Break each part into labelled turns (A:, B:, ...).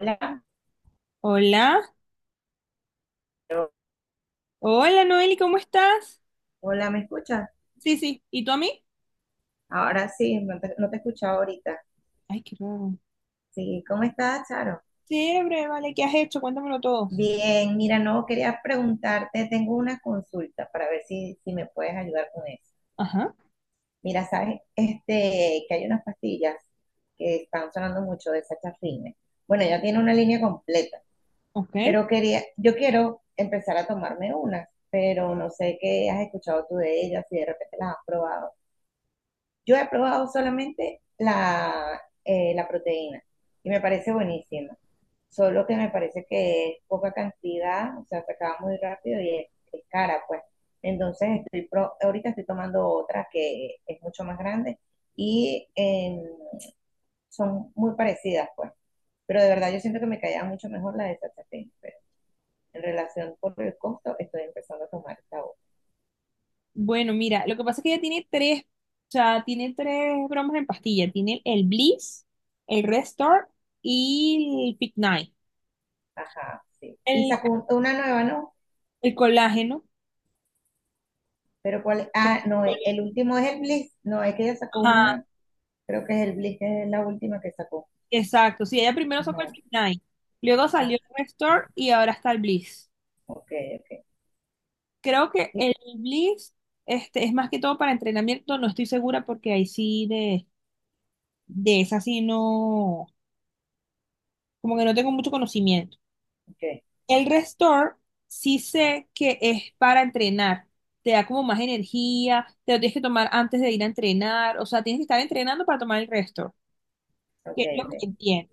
A: Hola,
B: Hola, hola Noeli, ¿cómo estás?
A: hola, ¿me escuchas?
B: Sí, sí, ¿y tú a mí?
A: Ahora sí, no te escuchaba ahorita.
B: Ay, qué raro.
A: Sí, ¿cómo estás, Charo?
B: Chévere, vale, ¿qué has hecho? Cuéntamelo todo.
A: Bien, mira, no quería preguntarte, tengo una consulta para ver si me puedes ayudar con eso.
B: Ajá,
A: Mira, sabes, que hay unas pastillas que están sonando mucho de Sachafrine. Bueno, ya tiene una línea completa,
B: ok.
A: pero yo quiero empezar a tomarme unas, pero no sé qué has escuchado tú de ellas, si de repente las has probado. Yo he probado solamente la proteína y me parece buenísima. Solo que me parece que es poca cantidad, o sea, se acaba muy rápido y es cara, pues. Entonces, ahorita estoy tomando otra que es mucho más grande y son muy parecidas, pues. Pero de verdad yo siento que me caía mucho mejor la de Sachatén, pero en relación por el costo estoy empezando a tomar esta otra.
B: Bueno, mira, lo que pasa es que ella tiene tres, o sea, tiene tres bromas en pastilla. Tiene el Bliss, el Restore y el Fit Night.
A: Ajá, sí. Y
B: El,
A: sacó una nueva, ¿no?
B: el colágeno.
A: Pero cuál, no, el último es el Bliss, no, es que ella sacó
B: Ajá,
A: una, creo que es el Bliss, que es la última que sacó.
B: exacto. Sí, ella primero sacó el
A: Ajá,
B: Fit Night, luego salió
A: ah,
B: el Restore y ahora está el Bliss.
A: ok, ok,
B: Creo que
A: sí,
B: el Blitz este, es más que todo para entrenamiento, no estoy segura porque ahí sí de esa sí no, como que no tengo mucho conocimiento.
A: ok,
B: El Restore sí sé que es para entrenar, te da como más energía, te lo tienes que tomar antes de ir a entrenar, o sea, tienes que estar entrenando para tomar el Restore, que
A: ok,
B: es lo
A: ok.
B: que entiendo.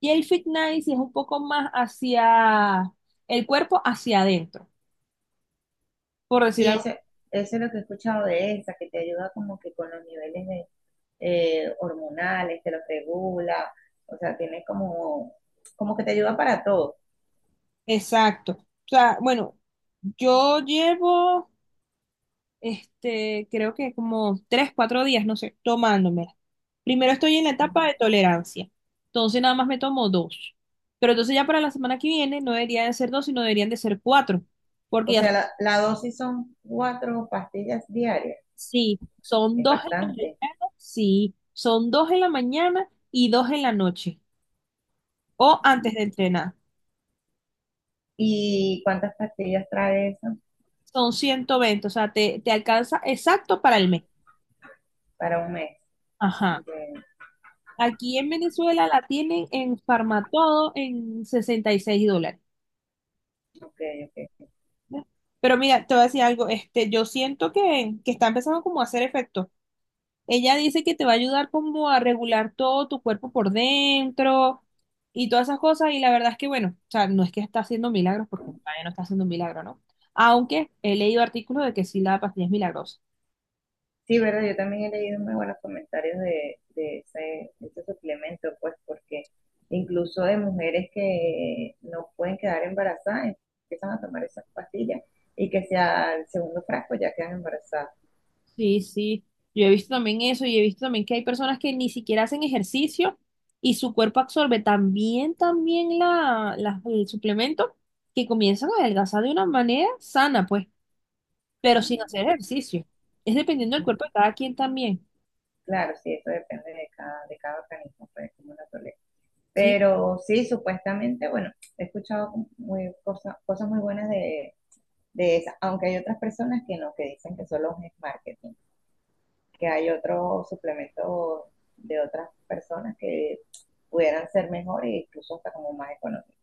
B: Y el Fit Night sí es un poco más hacia el cuerpo, hacia adentro, por
A: Sí,
B: decirlo.
A: eso es lo que he escuchado de esa, que te ayuda como que con los niveles de, hormonales, te los regula, o sea, tiene como que te ayuda para todo.
B: Exacto. O sea, bueno, yo llevo este, creo que como tres, cuatro días, no sé, tomándomela. Primero estoy en la etapa de tolerancia, entonces nada más me tomo dos. Pero entonces ya para la semana que viene no deberían de ser dos, sino deberían de ser cuatro, porque
A: O
B: ya
A: sea, la dosis son cuatro pastillas diarias,
B: sí, son
A: es
B: dos en la
A: bastante.
B: mañana, sí, son dos en la mañana y dos en la noche, o antes de entrenar.
A: ¿Y cuántas pastillas trae eso
B: Son 120, o sea, te alcanza exacto para el mes.
A: para un mes?
B: Ajá.
A: Eh,
B: Aquí en Venezuela la tienen en Farmatodo en $66.
A: ok, ok.
B: Pero mira, te voy a decir algo, este, yo siento que está empezando como a hacer efecto. Ella dice que te va a ayudar como a regular todo tu cuerpo por dentro y todas esas cosas. Y la verdad es que, bueno, o sea, no es que está haciendo milagros, porque todavía no está haciendo milagro, ¿no? Aunque he leído artículos de que sí la pastilla es milagrosa.
A: Sí, verdad, yo también he leído muy buenos comentarios de ese suplemento, pues porque incluso de mujeres que no pueden quedar embarazadas, empiezan a tomar esas pastillas y que sea el segundo frasco ya quedan embarazadas.
B: Sí, sí, yo he visto también eso y he visto también que hay personas que ni siquiera hacen ejercicio y su cuerpo absorbe también la, el suplemento que comienzan a adelgazar de una manera sana, pues, pero sin
A: Mm,
B: hacer ejercicio. Es dependiendo del cuerpo
A: mm,
B: de cada quien también,
A: claro, sí, eso depende de cada organismo, pues como la tolera.
B: ¿sí?
A: Pero sí, supuestamente, bueno, he escuchado cosas muy buenas de esas, aunque hay otras personas que no, que dicen que solo es marketing, que hay otros suplementos de otras personas que pudieran ser mejor e incluso hasta como más económicos.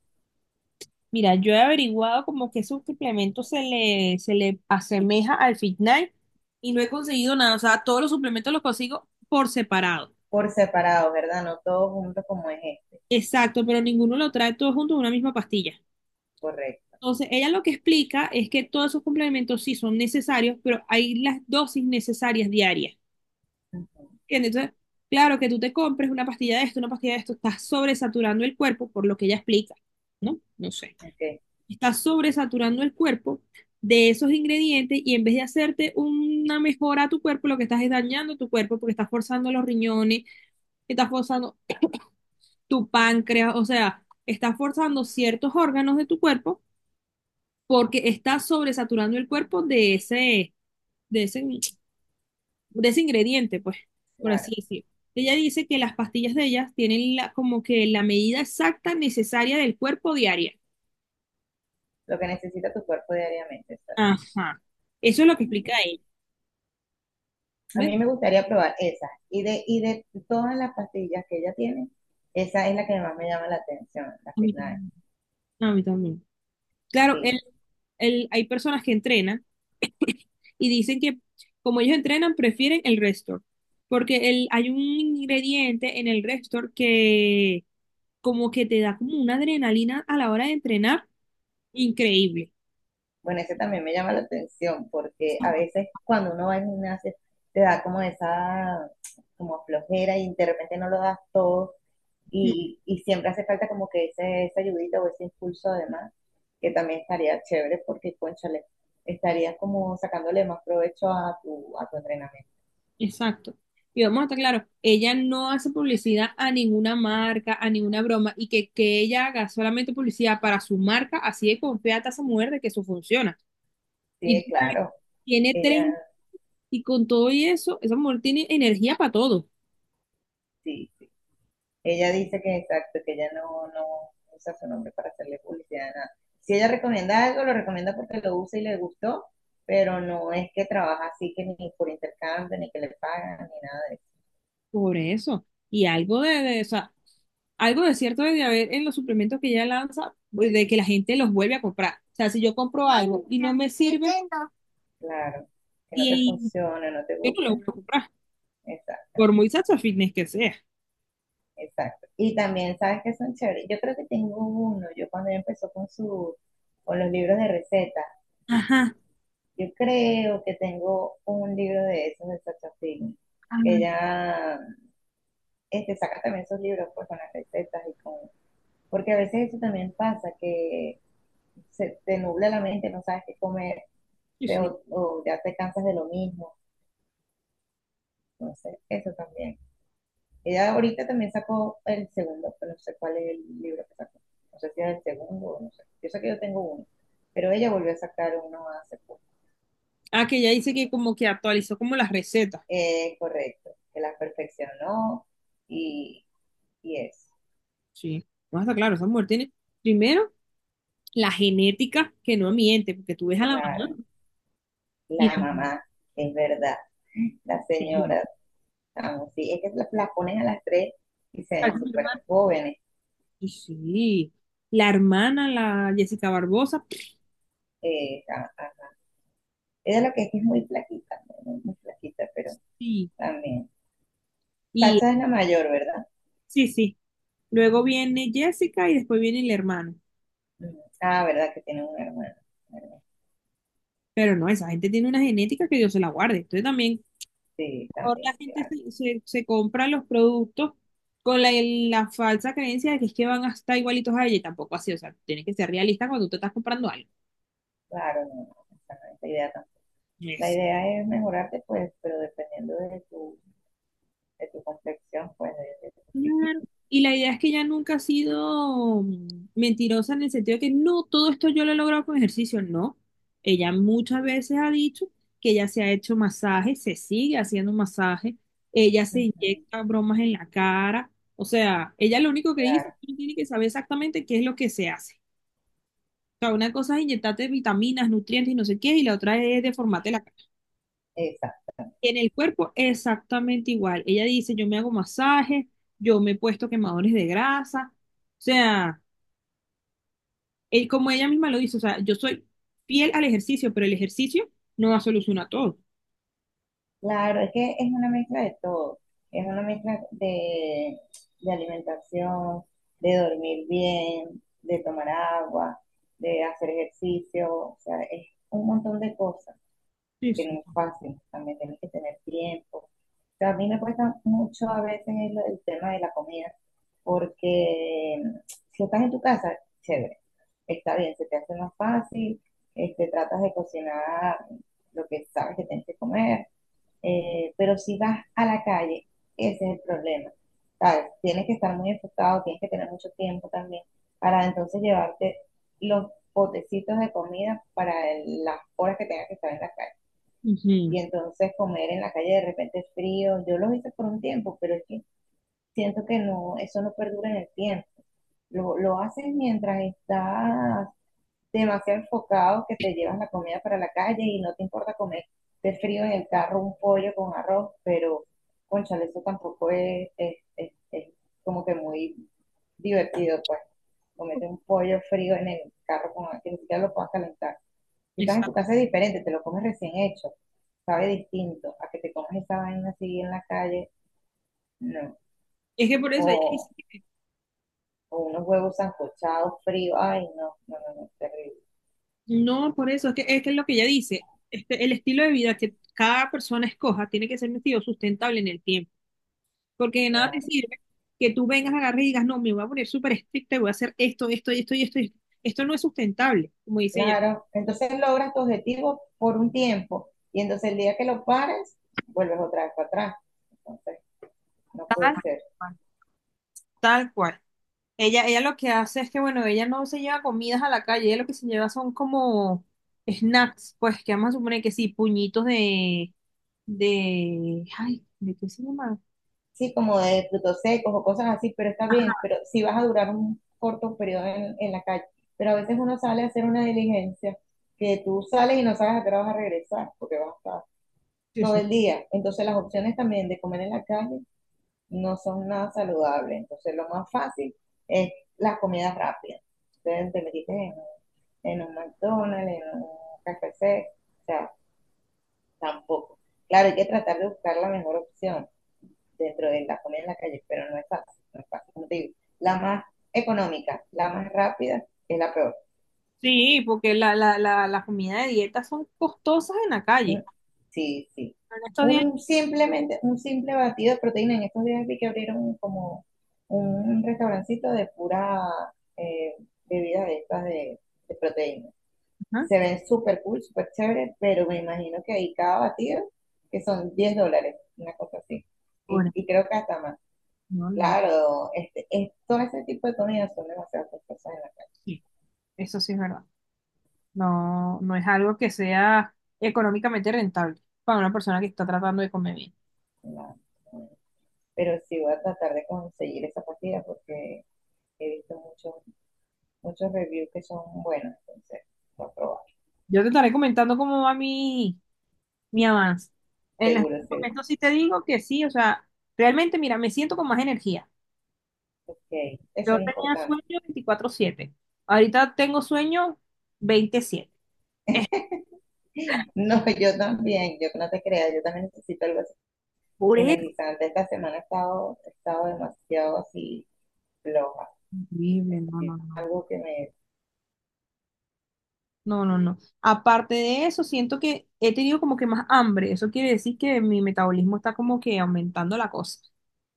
B: Mira, yo he averiguado como que ese suplemento se le asemeja al Fitnight y no he conseguido nada, o sea, todos los suplementos los consigo por separado.
A: Por separado, ¿verdad? No todos juntos como es este,
B: Exacto, pero ninguno lo trae todo junto en una misma pastilla.
A: correcto.
B: Entonces, ella lo que explica es que todos esos complementos sí son necesarios, pero hay las dosis necesarias diarias.
A: Uh -huh.
B: ¿Entiendes? Entonces, claro que tú te compres una pastilla de esto, una pastilla de esto, estás sobresaturando el cuerpo, por lo que ella explica, ¿no? No sé.
A: Ok,
B: Estás sobresaturando el cuerpo de esos ingredientes y en vez de hacerte una mejora a tu cuerpo, lo que estás es dañando tu cuerpo porque estás forzando los riñones, estás forzando tu páncreas, o sea, estás forzando ciertos órganos de tu cuerpo porque está sobresaturando el cuerpo de ese, de ese ingrediente, pues, por así
A: claro.
B: decirlo. Ella dice que las pastillas de ellas tienen como que la medida exacta necesaria del cuerpo diaria.
A: Lo que necesita tu cuerpo diariamente, ¿sabes?
B: Ajá. Eso es lo que explica ella.
A: A mí
B: ¿Ven?
A: me gustaría probar esas. Y de todas las pastillas que ella tiene, esa es la que más me llama la atención, la
B: A mí
A: Fitness.
B: también. A mí también. Claro,
A: Sí,
B: hay personas que entrenan y dicen que como ellos entrenan, prefieren el Restor, porque hay un ingrediente en el Restor que como que te da como una adrenalina a la hora de entrenar. Increíble.
A: bueno, ese también me llama la atención porque a
B: Ujú,
A: veces cuando uno va al gimnasio te da como esa como flojera y de repente no lo das todo y siempre hace falta como que ese, esa ayudita o ese impulso además, que también estaría chévere porque, cónchale, estarías como sacándole más provecho a tu entrenamiento.
B: exacto. Y vamos a estar claros, ella no hace publicidad a ninguna marca, a ninguna broma, y que ella haga solamente publicidad para su marca, así de confiada está esa mujer de que eso funciona. Y
A: Sí, claro,
B: tiene
A: ella
B: tres, y con todo y eso, esa mujer tiene energía para todo,
A: sí, ella dice que exacto, que ella no usa su nombre para hacerle publicidad a nada. Si ella recomienda algo, lo recomienda porque lo usa y le gustó, pero no es que trabaja así que ni por intercambio, ni que le pagan, ni nada de eso.
B: por eso. Y algo o sea, algo de cierto debe haber en los suplementos que ella lanza, pues, de que la gente los vuelve a comprar. O sea, si yo compro algo y no me sirve,
A: Claro, que no te
B: y
A: funcione, no te
B: yo no lo
A: guste.
B: vuelvo a comprar,
A: Exacto,
B: por muy Sacha Fitness que sea.
A: exacto. Y también sabes que son chéveres. Yo creo que tengo uno, yo cuando ella empezó con su, con los libros de recetas,
B: Ajá.
A: yo creo que tengo un libro de esos de Sacha Film. Ella, sacas también esos libros pues, con las recetas y con. Porque a veces eso también pasa, que se te nubla la mente, no sabes qué comer,
B: Sí,
A: te-
B: sí.
A: o, o ya te cansas de lo mismo, no sé, eso también. Ella ahorita también sacó el segundo, pero no sé cuál es el libro que sacó, no sé si es el segundo o no sé, yo sé que yo tengo uno, pero ella volvió a sacar uno hace poco.
B: Ah, que ella dice que como que actualizó como las recetas.
A: Correcto, que la perfeccionó y, y eso,
B: Sí. No está claro, esa mujer tiene, primero, la genética que no miente, porque tú ves a la mamá
A: claro,
B: y
A: la
B: la.
A: mamá, es verdad, la
B: Sí.
A: señora. Ah, sí, es que las ponen a las tres y se
B: Ah,
A: ven
B: mi
A: súper
B: hermana.
A: jóvenes.
B: Sí, sí. La hermana, la Jessica Barbosa.
A: Ah, ah. Ella lo que es muy flaquita, ¿no? Muy, muy flaquita, pero
B: Sí.
A: también.
B: Y
A: Sacha es la mayor, ¿verdad?
B: sí, sí. Luego viene Jessica y después viene el hermano.
A: Mm. Ah, ¿verdad? Que tiene una hermana. Bueno,
B: Pero no, esa gente tiene una genética que Dios se la guarde. Entonces también
A: sí,
B: mejor
A: también,
B: la gente
A: claro.
B: se compra los productos con la falsa creencia de que es que van a estar igualitos a ella y tampoco así, o sea, tienes que ser realista cuando tú te estás comprando algo.
A: Claro, no, no, no, esa no es la idea tampoco. La
B: Yes.
A: idea es mejorarte, pues, pero dependiendo de tu complexión, pues, de tu
B: Claro.
A: físico.
B: Y la idea es que ella nunca ha sido mentirosa en el sentido de que no, todo esto yo lo he logrado con ejercicio, no. Ella muchas veces ha dicho que ella se ha hecho masaje, se sigue haciendo masaje, ella se
A: Ujú,
B: inyecta bromas en la cara, o sea, ella lo único que dice es
A: claro,
B: que no tiene que saber exactamente qué es lo que se hace. Sea, una cosa es inyectarte vitaminas, nutrientes y no sé qué, y la otra es deformarte la cara.
A: exacto.
B: En el cuerpo, exactamente igual. Ella dice, yo me hago masajes, yo me he puesto quemadores de grasa. O sea, como ella misma lo dice, o sea, yo soy fiel al ejercicio, pero el ejercicio no va a solucionar todo.
A: Claro, es que es una mezcla de todo. Es una mezcla de alimentación, de dormir bien, de tomar agua, de hacer ejercicio. O sea, es un montón de cosas
B: Sí,
A: que
B: sí.
A: no es fácil. También tienes que tener tiempo. O sea, a mí me cuesta mucho a veces el tema de la comida, porque si estás en tu casa, chévere, está bien, se te hace más fácil, tratas de cocinar lo que sabes que tienes que comer, pero si vas a la calle, ese es el problema. ¿Sabes? Tienes que estar muy enfocado, tienes que tener mucho tiempo también para entonces llevarte los potecitos de comida para las horas que tengas que estar en la calle.
B: Ujú,
A: Y entonces comer en la calle de repente es frío. Yo lo hice por un tiempo, pero es que siento que no, eso no perdura en el tiempo. Lo haces mientras estás demasiado enfocados que te llevas la comida para la calle y no te importa comer de frío en el carro un pollo con arroz, pero cónchale, eso tampoco es como que muy divertido, pues. Comete un pollo frío en el carro con, que ni siquiera lo puedas calentar. Si estás en tu
B: exacto.
A: casa es diferente, te lo comes recién hecho, sabe distinto a que te comes esa vaina así en la calle, no.
B: Es que por eso ella dice,
A: O, o unos huevos sancochados fríos, ay, no, no, no, no, terrible.
B: no, por eso, es que es lo que ella dice, este, el estilo de vida que cada persona escoja tiene que ser un estilo sustentable en el tiempo. Porque de nada te
A: La-
B: sirve que tú vengas, agarres y digas, no, me voy a poner súper estricta y voy a hacer esto, esto y esto y esto. Y esto. Esto no es sustentable, como dice ella.
A: Claro, entonces logras tu objetivo por un tiempo y entonces el día que lo pares, vuelves otra vez para atrás. Entonces, no
B: Tal
A: puede ser.
B: cual, tal cual. Ella lo que hace es que, bueno, ella no se lleva comidas a la calle, ella lo que se lleva son como snacks, pues que vamos a suponer que sí, puñitos ay, ¿de qué se llama?
A: Sí, como de frutos secos o cosas así, pero está
B: Ajá,
A: bien, pero si vas a durar un corto periodo en la calle. Pero a veces uno sale a hacer una diligencia que tú sales y no sabes a qué hora vas a regresar porque vas a estar
B: sí,
A: todo
B: sí.
A: el día. Entonces las opciones también de comer en la calle no son nada saludables. Entonces lo más fácil es las comidas rápidas. Entonces te metiste en un McDonald's, en un KFC, o sea, tampoco. Claro, hay que tratar de buscar la mejor opción dentro de la comida en la calle, pero no es fácil, no es fácil. Como te digo, la más económica, la más rápida, es la peor.
B: Sí, porque la comida de dieta son costosas en la
A: Mm,
B: calle.
A: sí, sí.
B: En estos días,
A: Un simple batido de proteína. En estos días vi que abrieron como un restaurancito de pura, eh, bebida de estas de proteína.
B: ajá,
A: Se ven súper cool, súper chévere, pero me imagino que ahí cada batido, que son $10, una cosa así. Y,
B: ahora,
A: y creo que hasta más.
B: no, no,
A: Claro, todo ese tipo de comidas son demasiadas cosas en la calle.
B: sí, eso sí es verdad. No, no es algo que sea económicamente rentable para una persona que está tratando de comer bien.
A: en la- en la- pero sí voy a tratar de conseguir esa partida porque he visto muchos reviews que son buenos, entonces voy a probar.
B: Yo te estaré comentando cómo va mi avance. En estos
A: Seguro, seguro.
B: momentos sí te digo que sí, o sea, realmente, mira, me siento con más energía.
A: Ok, eso
B: Yo
A: es
B: tenía
A: importante.
B: sueño 24/7. Ahorita tengo sueño 27.
A: No, yo también, yo no te creas, yo también necesito algo
B: Por eso.
A: energizante. Esta semana he estado demasiado así floja. Es
B: Horrible, no,
A: decir,
B: no, no.
A: algo que me,
B: No, no, no. Aparte de eso, siento que he tenido como que más hambre. Eso quiere decir que mi metabolismo está como que aumentando la cosa.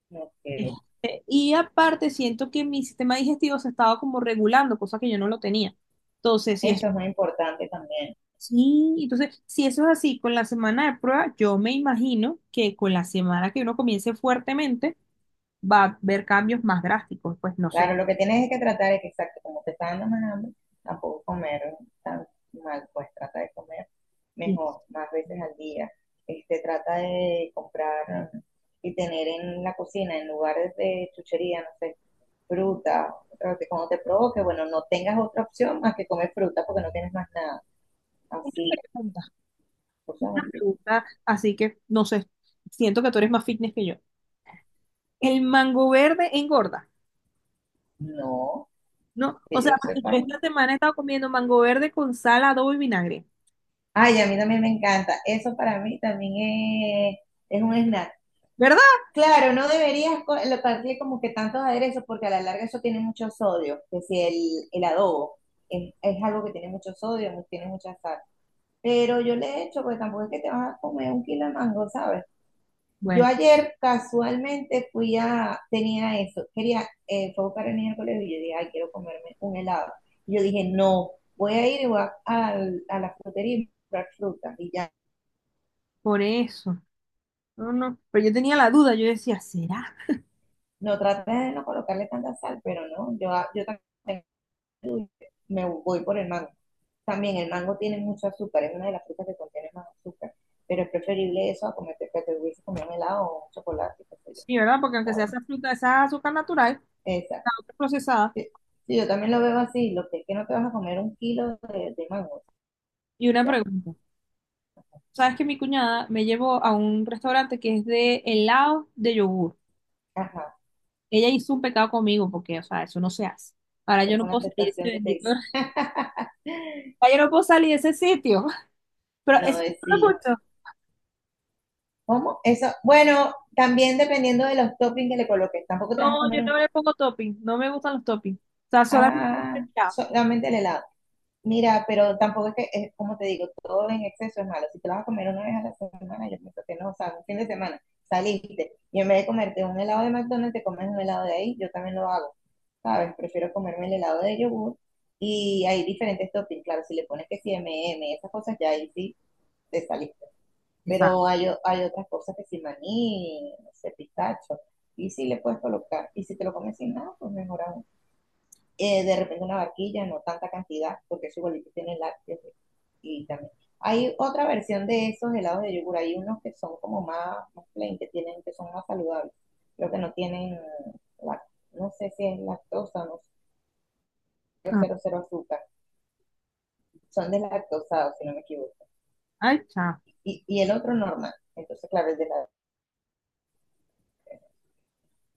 A: como que
B: Y aparte siento que mi sistema digestivo se estaba como regulando, cosa que yo no lo tenía. Entonces, si es
A: eso es muy importante también.
B: sí, entonces, si eso es así con la semana de prueba, yo me imagino que con la semana que uno comience fuertemente, va a haber cambios más drásticos, pues no sé.
A: Claro, lo que tienes es que tratar es que, exacto, como te está dando más hambre, tampoco comer tan mal, pues trata de comer
B: Y
A: mejor, más veces al día. Trata de comprar y tener en la cocina, en lugares de chuchería, no sé, fruta, pero que cuando te provoque, bueno, no tengas otra opción más que comer fruta porque no tienes más nada. Así
B: tantas
A: cosas así.
B: preguntas, así que no sé, siento que tú eres más fitness que yo. El mango verde engorda,
A: No,
B: ¿no? O
A: que
B: sea,
A: yo
B: porque
A: sepa,
B: yo
A: ¿no?
B: esta semana he estado comiendo mango verde con sal, adobo y vinagre,
A: Ay, a mí también me encanta. Eso para mí también es un snack.
B: ¿verdad?
A: Claro, no deberías darle como que tantos aderezos porque a la larga eso tiene mucho sodio, que si el adobo es algo que tiene mucho sodio, tiene mucha sal. Pero yo le he hecho, porque tampoco es que te vas a comer un kilo de mango, ¿sabes? Yo
B: Bueno,
A: ayer casualmente fui a, tenía eso, quería, fue a buscar al niño al colegio y yo dije, ay, quiero comerme un helado. Y yo dije, no, voy a ir y a la frutería y comprar fruta. Y ya,
B: por eso. No, no. Pero yo tenía la duda, yo decía, ¿será?
A: no traté de no colocarle tanta sal, pero no, yo también me voy por el mango. También el mango tiene mucho azúcar, es una de las frutas que contiene más azúcar, pero es preferible eso a comerte que te hubiese comido un helado o un chocolate, qué sé yo,
B: Sí, ¿verdad? Porque aunque sea
A: ¿sabes?
B: esa fruta, esa azúcar natural,
A: Esa.
B: procesada.
A: Sí, sí, yo también lo veo así, lo que es que no te vas a comer un kilo de mango,
B: Y una
A: ya,
B: pregunta. ¿Sabes que mi cuñada me llevó a un restaurante que es de helado de yogur?
A: ajá,
B: Ella hizo un pecado conmigo porque, o sea, eso no se hace. Ahora
A: eso
B: yo no
A: fue una
B: puedo salir de ese
A: tentación que te
B: bendito.
A: hice.
B: Ahora yo no puedo salir de ese sitio. Pero
A: No,
B: eso
A: es
B: no me
A: sí.
B: gustó.
A: ¿Cómo? Eso, bueno, también dependiendo de los toppings que le coloques, tampoco te
B: No,
A: vas a
B: yo
A: comer
B: no
A: un,
B: le pongo topping. No me gustan los toppings. O sea, solamente el
A: ah,
B: helado.
A: solamente el helado. Mira, pero tampoco es que, es, como te digo, todo en exceso es malo. Si te lo vas a comer una vez a la semana, yo pienso que no, o sea, un fin de semana, saliste y en vez de comerte un helado de McDonald's, te comes un helado de ahí, yo también lo hago. ¿Sabes? Prefiero comerme el helado de yogur y hay diferentes toppings, claro, si le pones que si M&M's, esas cosas ya ahí sí te saliste.
B: Exacto.
A: Pero hay, hay otras cosas que si maní, no sé, pistacho, y si le puedes colocar, y si te lo comes sin nada, pues mejor aún. De repente una barquilla, no tanta cantidad, porque eso igualito tiene lácteos y también. Hay otra versión de esos helados de yogur, hay unos que son como más, más plain, que tienen, que son más saludables, pero que no tienen, lac- no sé si es lactosa, no cero cero azúcar, son deslactosados, si no me equivoco.
B: Ay, chao.
A: Y el otro normal. Entonces, claro, el de la.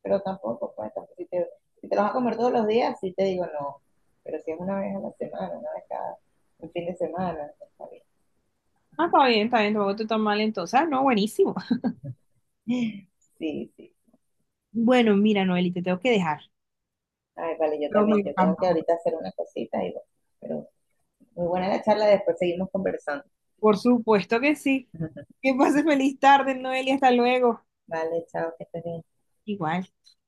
A: Pero tampoco, pues, tampoco, si te lo vas a comer todos los días, sí te digo no. Pero si es una vez a la semana, una vez cada un fin de semana, está bien.
B: Ah, está bien, está bien. Tampoco te tan mal entonces. Ah, no, buenísimo.
A: Sí, sí.
B: Bueno, mira, Noeli, te tengo que dejar.
A: Ay, vale, yo
B: Pero me
A: también. Yo tengo
B: encantó.
A: que ahorita hacer una cosita y bueno, pero muy buena la charla, después seguimos conversando.
B: Por supuesto que sí. Que pases feliz tarde, Noeli, hasta luego.
A: Vale, chao, que estés bien.
B: Igual.